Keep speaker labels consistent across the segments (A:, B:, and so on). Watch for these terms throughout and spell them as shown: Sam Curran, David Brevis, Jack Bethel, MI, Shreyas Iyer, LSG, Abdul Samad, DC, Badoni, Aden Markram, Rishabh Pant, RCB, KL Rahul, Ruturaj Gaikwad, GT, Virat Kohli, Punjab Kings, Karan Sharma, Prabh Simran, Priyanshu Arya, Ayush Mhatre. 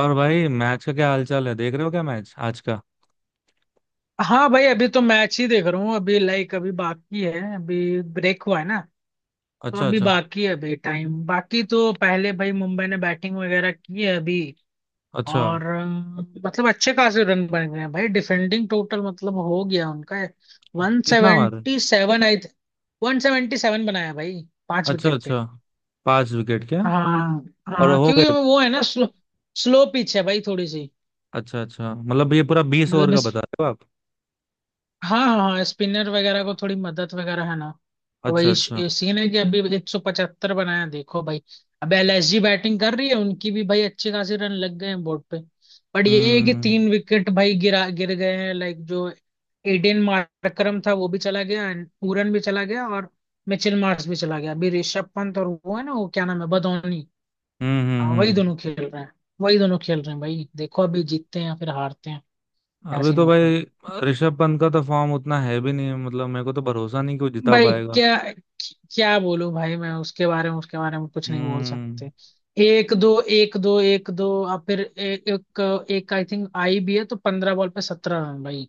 A: और भाई, मैच का क्या हालचाल है? देख रहे हो क्या मैच आज का?
B: हाँ भाई, अभी तो मैच ही देख रहा हूँ। अभी लाइक अभी बाकी है। अभी ब्रेक हुआ है ना, तो
A: अच्छा,
B: अभी
A: अच्छा।
B: बाकी है। अभी टाइम बाकी। तो पहले भाई मुंबई ने बैटिंग वगैरह की है अभी।
A: अच्छा।
B: और मतलब अच्छे खासे रन बन गए हैं भाई। डिफेंडिंग टोटल मतलब हो गया उनका। वन
A: कितना मारे?
B: सेवेंटी सेवन आई 177 बनाया भाई, पांच
A: अच्छा,
B: विकेट पे।
A: अच्छा। पांच विकेट क्या?
B: हाँ
A: और
B: हाँ,
A: हो
B: क्योंकि
A: गए?
B: वो है ना, स्लो, स्लो पिच है भाई थोड़ी सी।
A: अच्छा, अच्छा। मतलब ये पूरा 20 ओवर
B: मतलब
A: का
B: इस,
A: बता रहे हो आप?
B: हाँ हाँ हाँ, स्पिनर वगैरह को थोड़ी मदद वगैरह है ना। तो
A: अच्छा,
B: वही
A: अच्छा।
B: ये सीन है कि अभी 175 बनाया, देखो भाई। अब एलएसजी बैटिंग कर रही है। उनकी भी भाई अच्छे खासे रन लग गए हैं बोर्ड पे। बट ये है कि
A: हम्म,
B: 3 विकेट भाई गिर गए हैं। लाइक, जो एडेन मार्करम था वो भी चला गया, and पूरन भी चला गया, और मिचेल मार्श भी चला गया। अभी ऋषभ पंत और वो है ना, वो क्या नाम है, बदोनी।
A: हम्म,
B: हाँ,
A: हम्म,
B: वही
A: हम्म।
B: दोनों खेल रहे हैं। वही दोनों खेल रहे हैं भाई, देखो अभी जीतते हैं या फिर हारते हैं, क्या
A: अभी
B: सीन
A: तो
B: होता है।
A: भाई ऋषभ पंत का तो फॉर्म उतना है भी नहीं। मतलब मेरे को तो भरोसा नहीं कि वो जिता
B: भाई
A: पाएगा।
B: क्या, क्या बोलूं भाई मैं उसके बारे में, उसके बारे में कुछ नहीं बोल सकते।
A: हम्म।
B: एक दो, एक दो, एक दो और फिर एक एक, एक आई थिंक आई भी है, तो 15 बॉल पे 17 रन भाई।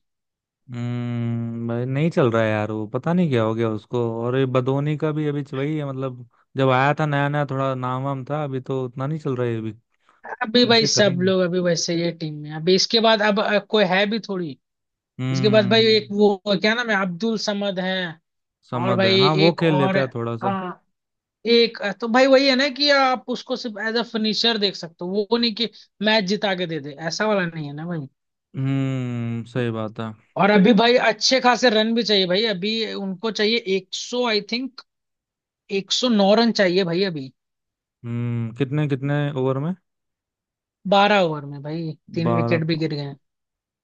A: हम्म, भाई नहीं चल रहा है यार। वो पता नहीं क्या हो गया उसको। और ये बदोनी का भी अभी वही है मतलब। जब आया था नया नया, थोड़ा नाम वाम था, अभी तो उतना नहीं चल रहा है अभी।
B: अभी भाई
A: कैसे
B: सब
A: करेंगे?
B: लोग अभी वैसे ही है टीम में। अभी इसके बाद अब कोई है भी थोड़ी। इसके बाद भाई एक
A: हम्म।
B: वो, क्या नाम है, अब्दुल समद है। और
A: समझ है,
B: भाई
A: हाँ वो
B: एक
A: खेल
B: और।
A: लेता है थोड़ा सा।
B: हाँ, एक तो भाई वही है ना कि आप उसको सिर्फ एज अ फिनिशर देख सकते हो, वो नहीं कि मैच जिता के दे दे, ऐसा वाला नहीं है ना भाई।
A: हम्म, सही बात है।
B: और अभी भाई अच्छे खासे रन भी चाहिए भाई। अभी उनको चाहिए 100, आई थिंक 109 रन चाहिए भाई अभी।
A: हम्म, कितने कितने ओवर में?
B: 12 ओवर में भाई तीन
A: 12
B: विकेट भी
A: तो।
B: गिर गए हैं।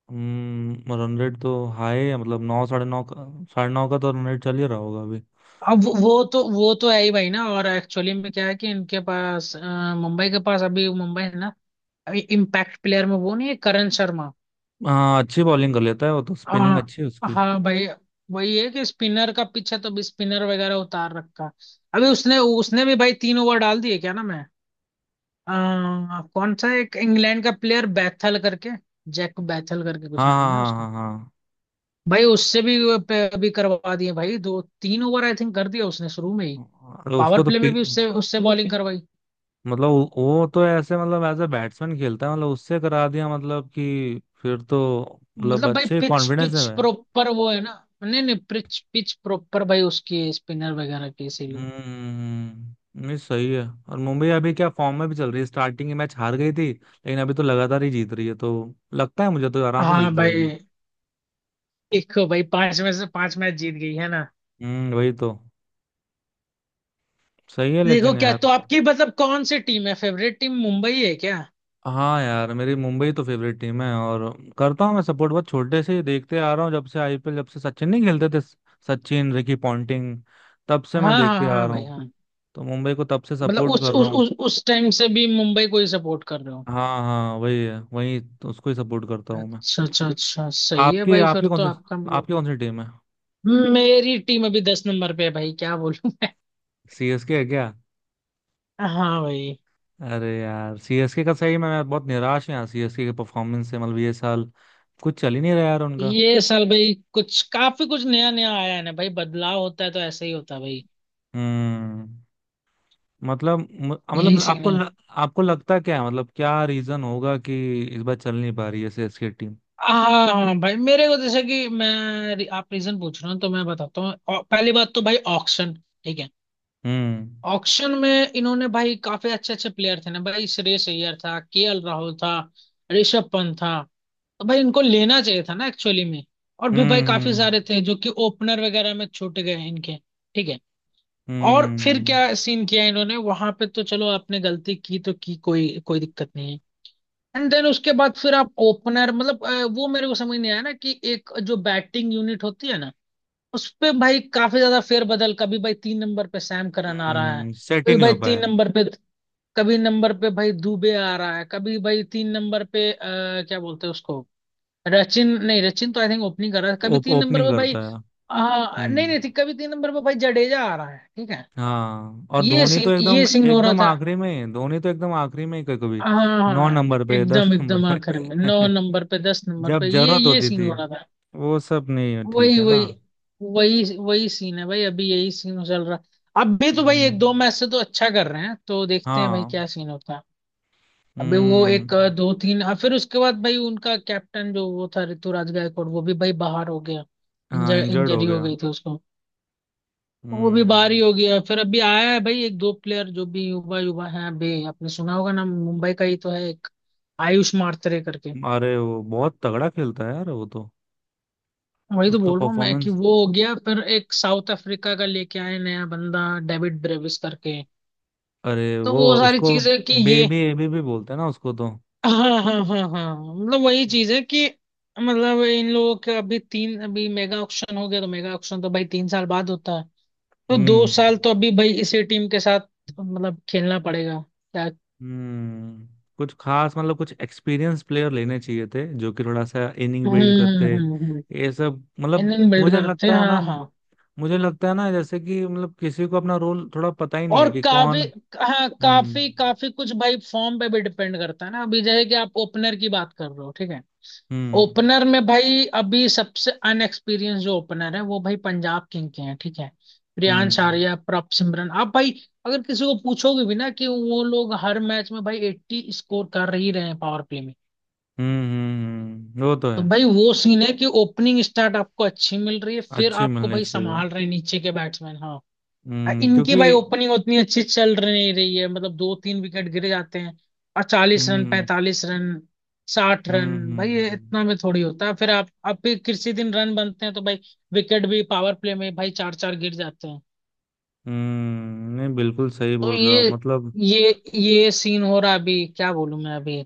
A: हम्म, रन रेट तो हाई है। मतलब 9, 9.5 का। 9.5 का तो रन रेट चल ही रहा होगा अभी।
B: अब वो तो है ही भाई ना। और एक्चुअली में क्या है कि इनके पास मुंबई के पास, अभी मुंबई है ना, इम्पैक्ट प्लेयर में वो नहीं है, करण शर्मा।
A: हाँ, अच्छी बॉलिंग कर लेता है वो तो। स्पिनिंग
B: हाँ
A: अच्छी है उसकी।
B: हाँ भाई। वही है कि स्पिनर का पीछे तो भी स्पिनर वगैरह उतार रखा। अभी उसने उसने भी भाई 3 ओवर डाल दिए, क्या ना मैं, कौन सा एक इंग्लैंड का प्लेयर बैथल करके, जैक बैथल करके कुछ
A: हाँ,
B: नाम है ना
A: हाँ,
B: उसका।
A: हाँ, हाँ।
B: भाई उससे भी अभी करवा दिए भाई दो तीन ओवर, आई थिंक कर दिया उसने शुरू में ही।
A: हाँ, अरे
B: पावर
A: उसको तो।
B: प्ले में भी उससे उससे बॉलिंग करवाई।
A: मतलब वो तो ऐसे, मतलब एज ए बैट्समैन खेलता है, मतलब उससे करा दिया, मतलब कि फिर तो। मतलब
B: मतलब भाई
A: अच्छे
B: पिच
A: कॉन्फिडेंस है
B: पिच
A: मैं।
B: प्रॉपर वो है ना। नहीं नहीं, पिच पिच प्रॉपर भाई उसकी, स्पिनर वगैरह की, इसीलिए।
A: हम्म, नहीं सही है। और मुंबई अभी क्या फॉर्म में भी चल रही है! स्टार्टिंग मैच हार गई थी लेकिन अभी तो लगातार ही जीत रही है तो। लगता है मुझे तो आराम से जीत
B: हाँ भाई।
A: जाएगी।
B: देखो भाई 5 में से 5 मैच जीत गई है ना।
A: हम्म, वही तो। सही है
B: देखो
A: लेकिन
B: क्या
A: यार।
B: तो आपकी, मतलब कौन सी टीम है फेवरेट टीम, मुंबई है क्या?
A: हाँ यार, मेरी मुंबई तो फेवरेट टीम है और करता हूँ मैं सपोर्ट, बहुत छोटे से ही देखते आ रहा हूँ, जब से आईपीएल, जब से सचिन नहीं खेलते थे। Sachin, Ricky Ponting. तब से मैं
B: हाँ हाँ
A: देखते आ
B: हाँ
A: रहा
B: भाई
A: हूँ।
B: हाँ।
A: तो मुंबई को तब से
B: मतलब
A: सपोर्ट
B: उस
A: कर रहा
B: उस
A: हूँ।
B: उस उस टाइम से भी मुंबई को ही सपोर्ट कर रहे हो।
A: हाँ, हाँ, वही है। वही तो, उसको ही सपोर्ट करता हूँ मैं।
B: अच्छा अच्छा अच्छा, सही है
A: आपके
B: भाई, फिर
A: आपके
B: तो
A: कौन से।
B: आपका मतलब।
A: आपके कौन सी टीम है?
B: मेरी टीम अभी 10 नंबर पे है भाई, क्या बोलूं।
A: सीएसके है क्या?
B: हाँ भाई।
A: अरे यार, सीएसके का सही में मैं बहुत निराश हूँ यार, सीएसके के परफॉर्मेंस से। मतलब ये साल कुछ चल ही नहीं रहा यार उनका।
B: ये साल भाई कुछ काफी कुछ नया नया आया है ना भाई, बदलाव होता है तो ऐसा ही होता है भाई।
A: हम्म। मतलब
B: यही
A: मतलब
B: सीन है।
A: आपको लगता क्या है, मतलब क्या रीजन होगा कि इस बार चल नहीं पा रही है सीएसके टीम।
B: हाँ हाँ, भाई मेरे को जैसे कि मैं, आप रीजन पूछ रहे हो तो मैं बताता हूँ। पहली बात तो भाई ऑक्शन, ठीक है,
A: हम्म,
B: ऑक्शन में इन्होंने भाई काफी अच्छे अच्छे प्लेयर थे ना भाई, श्रेयस अय्यर था, केएल राहुल था, ऋषभ पंत था। तो भाई उनको लेना चाहिए था ना एक्चुअली में। और भी भाई काफी
A: हम्म,
B: सारे थे जो कि ओपनर वगैरह में छूट गए इनके, ठीक है। और फिर क्या
A: हम्म,
B: सीन किया इन्होंने वहां पे, तो चलो आपने गलती की तो की, कोई कोई दिक्कत नहीं है। एंड देन उसके बाद फिर आप ओपनर मतलब वो मेरे को समझ नहीं आया ना कि एक जो बैटिंग यूनिट होती है ना, उस पे भाई काफी ज्यादा फेरबदल। कभी भाई 3 नंबर पे सैम करन आ रहा है,
A: हम्म। सेट ही
B: कभी
A: नहीं
B: भाई
A: हो
B: तीन
A: पाया।
B: नंबर पे, कभी नंबर पे भाई दुबे आ रहा है, कभी भाई तीन नंबर पे क्या बोलते हैं उसको, रचिन, नहीं रचिन तो आई थिंक ओपनिंग कर रहा है, कभी तीन नंबर
A: ओपनिंग
B: पे भाई
A: करता है।
B: नहीं
A: हम्म,
B: नहीं ठीक, कभी तीन नंबर पे भाई जडेजा आ रहा है, ठीक है।
A: हाँ। और
B: ये
A: धोनी तो
B: सीन, ये
A: एकदम
B: सीन हो रहा
A: एकदम
B: था।
A: आखिरी में, धोनी तो एकदम आखिरी में ही कभी कभी।
B: हाँ
A: नौ
B: हाँ,
A: नंबर पे, दस
B: एकदम
A: नंबर
B: एकदम आखिर में नौ
A: पे
B: नंबर पे, दस नंबर पे
A: जब
B: ये
A: जरूरत
B: ये
A: होती
B: सीन
A: थी।
B: हो रहा था।
A: वो सब नहीं है, ठीक
B: वही
A: है ना।
B: वही वही वही सीन है भाई, अभी यही सीन चल रहा। अभी तो भाई
A: हम्म,
B: एक दो मैच से तो अच्छा कर रहे हैं, तो देखते हैं भाई
A: हाँ।
B: क्या सीन होता है। अभी वो
A: हम्म,
B: एक दो तीन फिर उसके बाद भाई उनका कैप्टन जो वो था ऋतुराज गायकवाड़, वो भी भाई बाहर हो गया।
A: हाँ। इंजर्ड हो
B: इंजरी हो
A: गया।
B: गई थी उसको। वो भी बाहर
A: हम्म।
B: ही हो गया। फिर अभी आया है भाई एक दो प्लेयर जो भी युवा युवा हैं, अभी आपने सुना होगा ना, मुंबई का ही तो है एक, आयुष मात्रे करके।
A: अरे वो बहुत तगड़ा खेलता है यार वो तो।
B: वही तो
A: उसका
B: बोल रहा हूँ मैं कि
A: परफॉर्मेंस।
B: वो हो गया, फिर एक साउथ अफ्रीका का लेके आए नया बंदा, डेविड ब्रेविस करके।
A: अरे
B: तो
A: वो,
B: वो सारी
A: उसको
B: चीजें कि ये,
A: बेबी एबी भी बोलते हैं ना उसको तो।
B: हाँ हाँ हाँ हाँ, मतलब वही चीज है कि, मतलब इन लोगों का अभी तीन, अभी मेगा ऑक्शन हो गया, तो मेगा ऑक्शन तो भाई 3 साल बाद होता है। तो दो
A: हम्म,
B: साल तो अभी भाई इसी टीम के साथ मतलब खेलना पड़ेगा, क्या।
A: हम्म। कुछ खास, मतलब कुछ एक्सपीरियंस प्लेयर लेने चाहिए थे जो कि थोड़ा सा इनिंग बिल्ड करते।
B: हम्म,
A: ये सब मतलब।
B: इंजन बिल्ड
A: मुझे
B: करते हैं,
A: लगता है ना।
B: हाँ हाँ।
A: मुझे लगता है ना, जैसे कि मतलब किसी को अपना रोल थोड़ा पता ही नहीं
B: और
A: है कि
B: काफी,
A: कौन।
B: हाँ
A: हम्म,
B: काफी काफी कुछ भाई फॉर्म पे भी डिपेंड करता है ना, अभी जैसे कि आप ओपनर की बात कर रहे हो, ठीक है।
A: हम्म,
B: ओपनर में भाई अभी सबसे अनएक्सपीरियंस जो ओपनर है वो भाई पंजाब किंग के हैं, ठीक है, प्रियांश
A: हम्म,
B: आर्या, प्रभ सिमरन। आप भाई अगर किसी को पूछोगे भी ना कि वो लोग हर मैच में भाई 80 स्कोर कर ही रहे हैं पावर प्ले में,
A: हम्म, वो तो
B: तो
A: है।
B: भाई वो सीन है कि ओपनिंग स्टार्ट आपको अच्छी मिल रही है, फिर
A: अच्छी
B: आपको
A: मिलनी
B: भाई
A: चाहिए।
B: संभाल रहे हैं नीचे के बैट्समैन।
A: हम्म,
B: इनकी
A: क्योंकि।
B: भाई ओपनिंग उतनी अच्छी चल रही नहीं रही है, मतलब दो तीन विकेट गिरे जाते हैं, और 40 रन,
A: हम्म,
B: 45 रन, 60 रन
A: हम्म,
B: भाई ये
A: हम्म,
B: इतना में थोड़ी होता है, फिर आप भी किसी दिन रन बनते हैं तो भाई विकेट भी पावर प्ले में भाई चार चार गिर जाते हैं।
A: नहीं बिल्कुल सही
B: तो
A: बोल रहे हो आप मतलब।
B: ये ये सीन हो रहा है अभी, क्या बोलूं मैं अभी।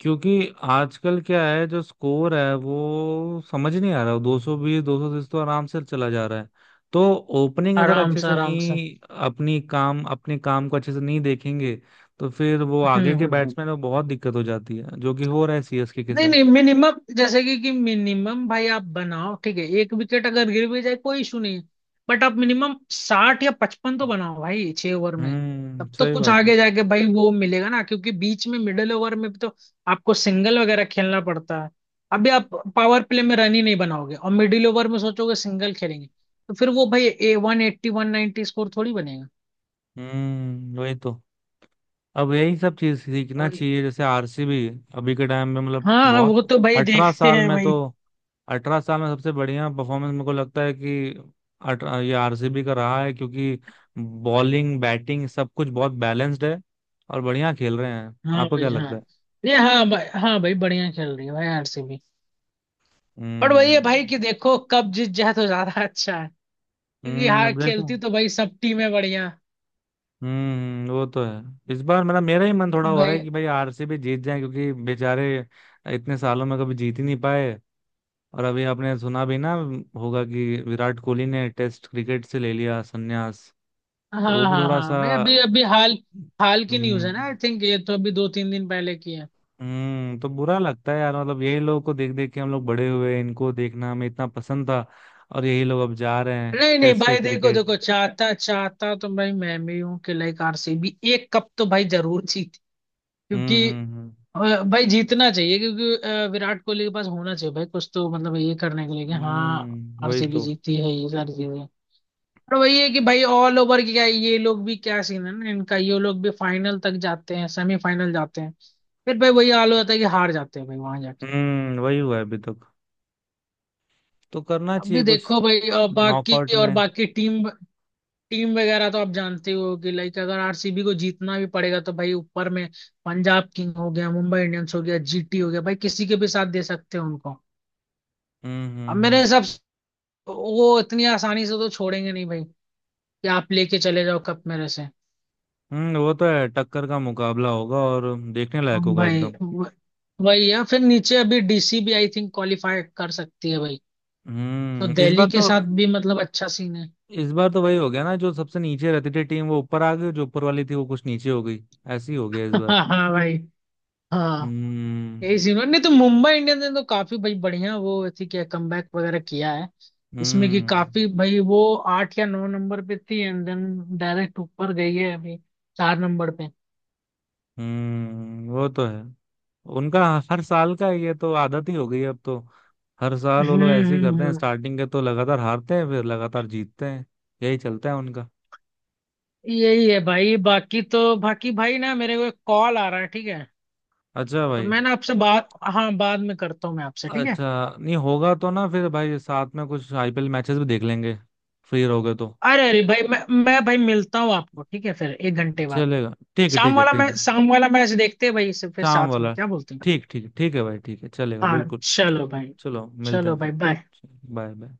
A: क्योंकि आजकल क्या है, जो स्कोर है वो समझ नहीं आ रहा। 220, 230 तो आराम से चला जा रहा है। तो ओपनिंग अगर
B: आराम
A: अच्छे
B: से
A: से
B: आराम से,
A: नहीं, अपनी काम, अपने काम को अच्छे से नहीं देखेंगे, तो फिर वो आगे के
B: हम्म।
A: बैट्समैन में बहुत दिक्कत हो जाती है, जो कि हो रहा है सीएसके के
B: नहीं नहीं,
A: साथ।
B: मिनिमम जैसे कि मिनिमम भाई आप बनाओ, ठीक है, एक विकेट अगर गिर भी जाए कोई इशू नहीं है, बट आप मिनिमम 60 या 55 तो बनाओ भाई 6 ओवर में।
A: हम्म,
B: तब तो
A: सही
B: कुछ
A: बात है।
B: आगे जाके भाई वो मिलेगा ना, क्योंकि बीच में मिडिल ओवर में भी तो आपको सिंगल वगैरह खेलना पड़ता है। अभी आप पावर प्ले में रन ही नहीं बनाओगे और मिडिल ओवर में सोचोगे सिंगल खेलेंगे, तो फिर वो भाई 180 190 स्कोर थोड़ी बनेगा।
A: हम्म, वही तो। अब यही सब चीज सीखना
B: वही,
A: चाहिए, जैसे आरसीबी अभी के टाइम में मतलब
B: हाँ हाँ,
A: बहुत।
B: वो तो भाई
A: अठारह
B: देखते
A: साल
B: हैं
A: में
B: भाई,
A: तो, 18 साल में सबसे बढ़िया परफॉर्मेंस मेरे को लगता है कि 18 ये आरसीबी का रहा है, क्योंकि बॉलिंग, बैटिंग सब कुछ बहुत बैलेंस्ड है और बढ़िया खेल रहे हैं।
B: हाँ
A: आपको
B: भाई
A: क्या
B: हाँ।
A: लगता है?
B: ये हाँ भाई, हाँ भाई बढ़िया चल रही है भाई आरसीबी। पर वही है
A: हम्म,
B: भाई कि देखो कब जीत जाए तो ज्यादा अच्छा है, क्योंकि
A: हम्म,
B: हार
A: अब देखो।
B: खेलती तो भाई सब टीमें बढ़िया।
A: हम्म, वो तो है। इस बार मेरा, मेरा ही मन थोड़ा हो रहा है
B: भाई,
A: कि भाई आरसीबी जीत जाए, क्योंकि बेचारे इतने सालों में कभी जीत ही नहीं पाए। और अभी आपने सुना भी ना होगा कि विराट कोहली ने टेस्ट क्रिकेट से ले लिया संन्यास।
B: हाँ
A: तो वो भी
B: हाँ
A: थोड़ा सा।
B: हाँ भाई, अभी अभी हाल, हाल की न्यूज है ना
A: हम्म,
B: आई थिंक, ये तो अभी 2 3 दिन पहले की है।
A: हम्म। तो बुरा लगता है यार, मतलब यही लोगों को देख देख के हम लोग बड़े हुए, इनको देखना हमें इतना पसंद था। और यही लोग अब जा रहे हैं
B: नहीं नहीं
A: टेस्ट पे
B: भाई, देखो
A: क्रिकेट।
B: देखो चाहता चाहता तो भाई मैं भी हूँ कि लाइक आरसीबी एक कप तो भाई जरूर जीते,
A: हम्म,
B: क्योंकि,
A: हम्म,
B: और भाई जीतना चाहिए क्योंकि विराट कोहली के पास होना चाहिए भाई कुछ तो, मतलब ये करने के लिए कि
A: हम्म,
B: हाँ
A: वही
B: आरसीबी
A: तो।
B: जीती है, ये सारी चीजें। पर वही है कि भाई ऑल ओवर की क्या, ये लोग भी क्या सीन है ना इनका, ये लोग भी फाइनल तक जाते हैं, सेमीफाइनल जाते हैं, फिर भाई वही हाल हो जाता है कि हार जाते हैं भाई वहां जाके।
A: हम्म, वही हुआ है अभी तक। तो करना
B: अभी
A: चाहिए कुछ।
B: देखो भाई बाकी
A: नॉकआउट
B: और
A: में।
B: बाकी टीम, टीम वगैरह तो आप जानते ही हो कि लाइक अगर आरसीबी को जीतना भी पड़ेगा तो भाई ऊपर में पंजाब किंग हो गया, मुंबई इंडियंस हो गया, जीटी हो गया, भाई किसी के भी साथ दे सकते हैं उनको।
A: हम्म,
B: अब
A: हम्म,
B: मेरे हिसाब,
A: हम्म,
B: तो वो इतनी आसानी से तो छोड़ेंगे नहीं भाई कि आप लेके चले जाओ कप मेरे से।
A: वो तो है। टक्कर का मुकाबला होगा और देखने लायक
B: हम
A: होगा
B: भाई
A: एकदम।
B: वही है, फिर नीचे अभी डीसी भी आई थिंक क्वालिफाई कर सकती है भाई, तो
A: हम्म, इस
B: दिल्ली
A: बार
B: के
A: तो।
B: साथ भी मतलब अच्छा सीन है।
A: इस बार तो वही हो गया ना, जो सबसे नीचे रहती थी टीम वो ऊपर आ गई, जो ऊपर वाली थी वो कुछ नीचे हो गई। ऐसी हो गया इस बार।
B: हाँ भाई हाँ।
A: हम्म,
B: यही सीन है, नहीं तो मुंबई इंडियंस ने तो काफी भाई बढ़िया, वो थी क्या, कमबैक वगैरह किया है इसमें, कि
A: हम्म,
B: काफी भाई वो 8 या 9 नंबर पे थी, एंड देन डायरेक्ट ऊपर गई है अभी 4 नंबर पे।
A: हम्म, वो तो है उनका। हर साल का ये तो आदत ही हो गई है अब तो। हर साल वो लोग
B: हम्म
A: ऐसे ही
B: हम्म,
A: करते हैं,
B: हम्म।
A: स्टार्टिंग के तो लगातार हारते हैं, फिर लगातार जीतते हैं। यही चलता है उनका।
B: यही है भाई। बाकी तो बाकी भाई, ना मेरे को एक कॉल आ रहा है, ठीक है,
A: अच्छा
B: तो
A: भाई।
B: मैं ना आपसे बात, हाँ बाद में करता हूँ मैं आपसे, ठीक है।
A: अच्छा, नहीं होगा तो ना, फिर भाई साथ में कुछ आईपीएल मैचेस भी देख लेंगे। फ्री रहोगे तो।
B: अरे अरे भाई मैं भाई मिलता हूँ आपको, ठीक है, फिर 1 घंटे बाद।
A: चलेगा, ठीक है,
B: शाम
A: ठीक है,
B: वाला
A: ठीक
B: मैं
A: है।
B: शाम वाला मैच देखते हैं भाई इसे फिर
A: शाम
B: साथ में,
A: वाला।
B: क्या बोलते हैं,
A: ठीक, ठीक, ठीक है भाई, ठीक है, चलेगा
B: हाँ।
A: बिल्कुल।
B: चलो भाई।
A: चलो, मिलते
B: चलो
A: हैं
B: भाई
A: फिर।
B: बाय।
A: Bye, bye.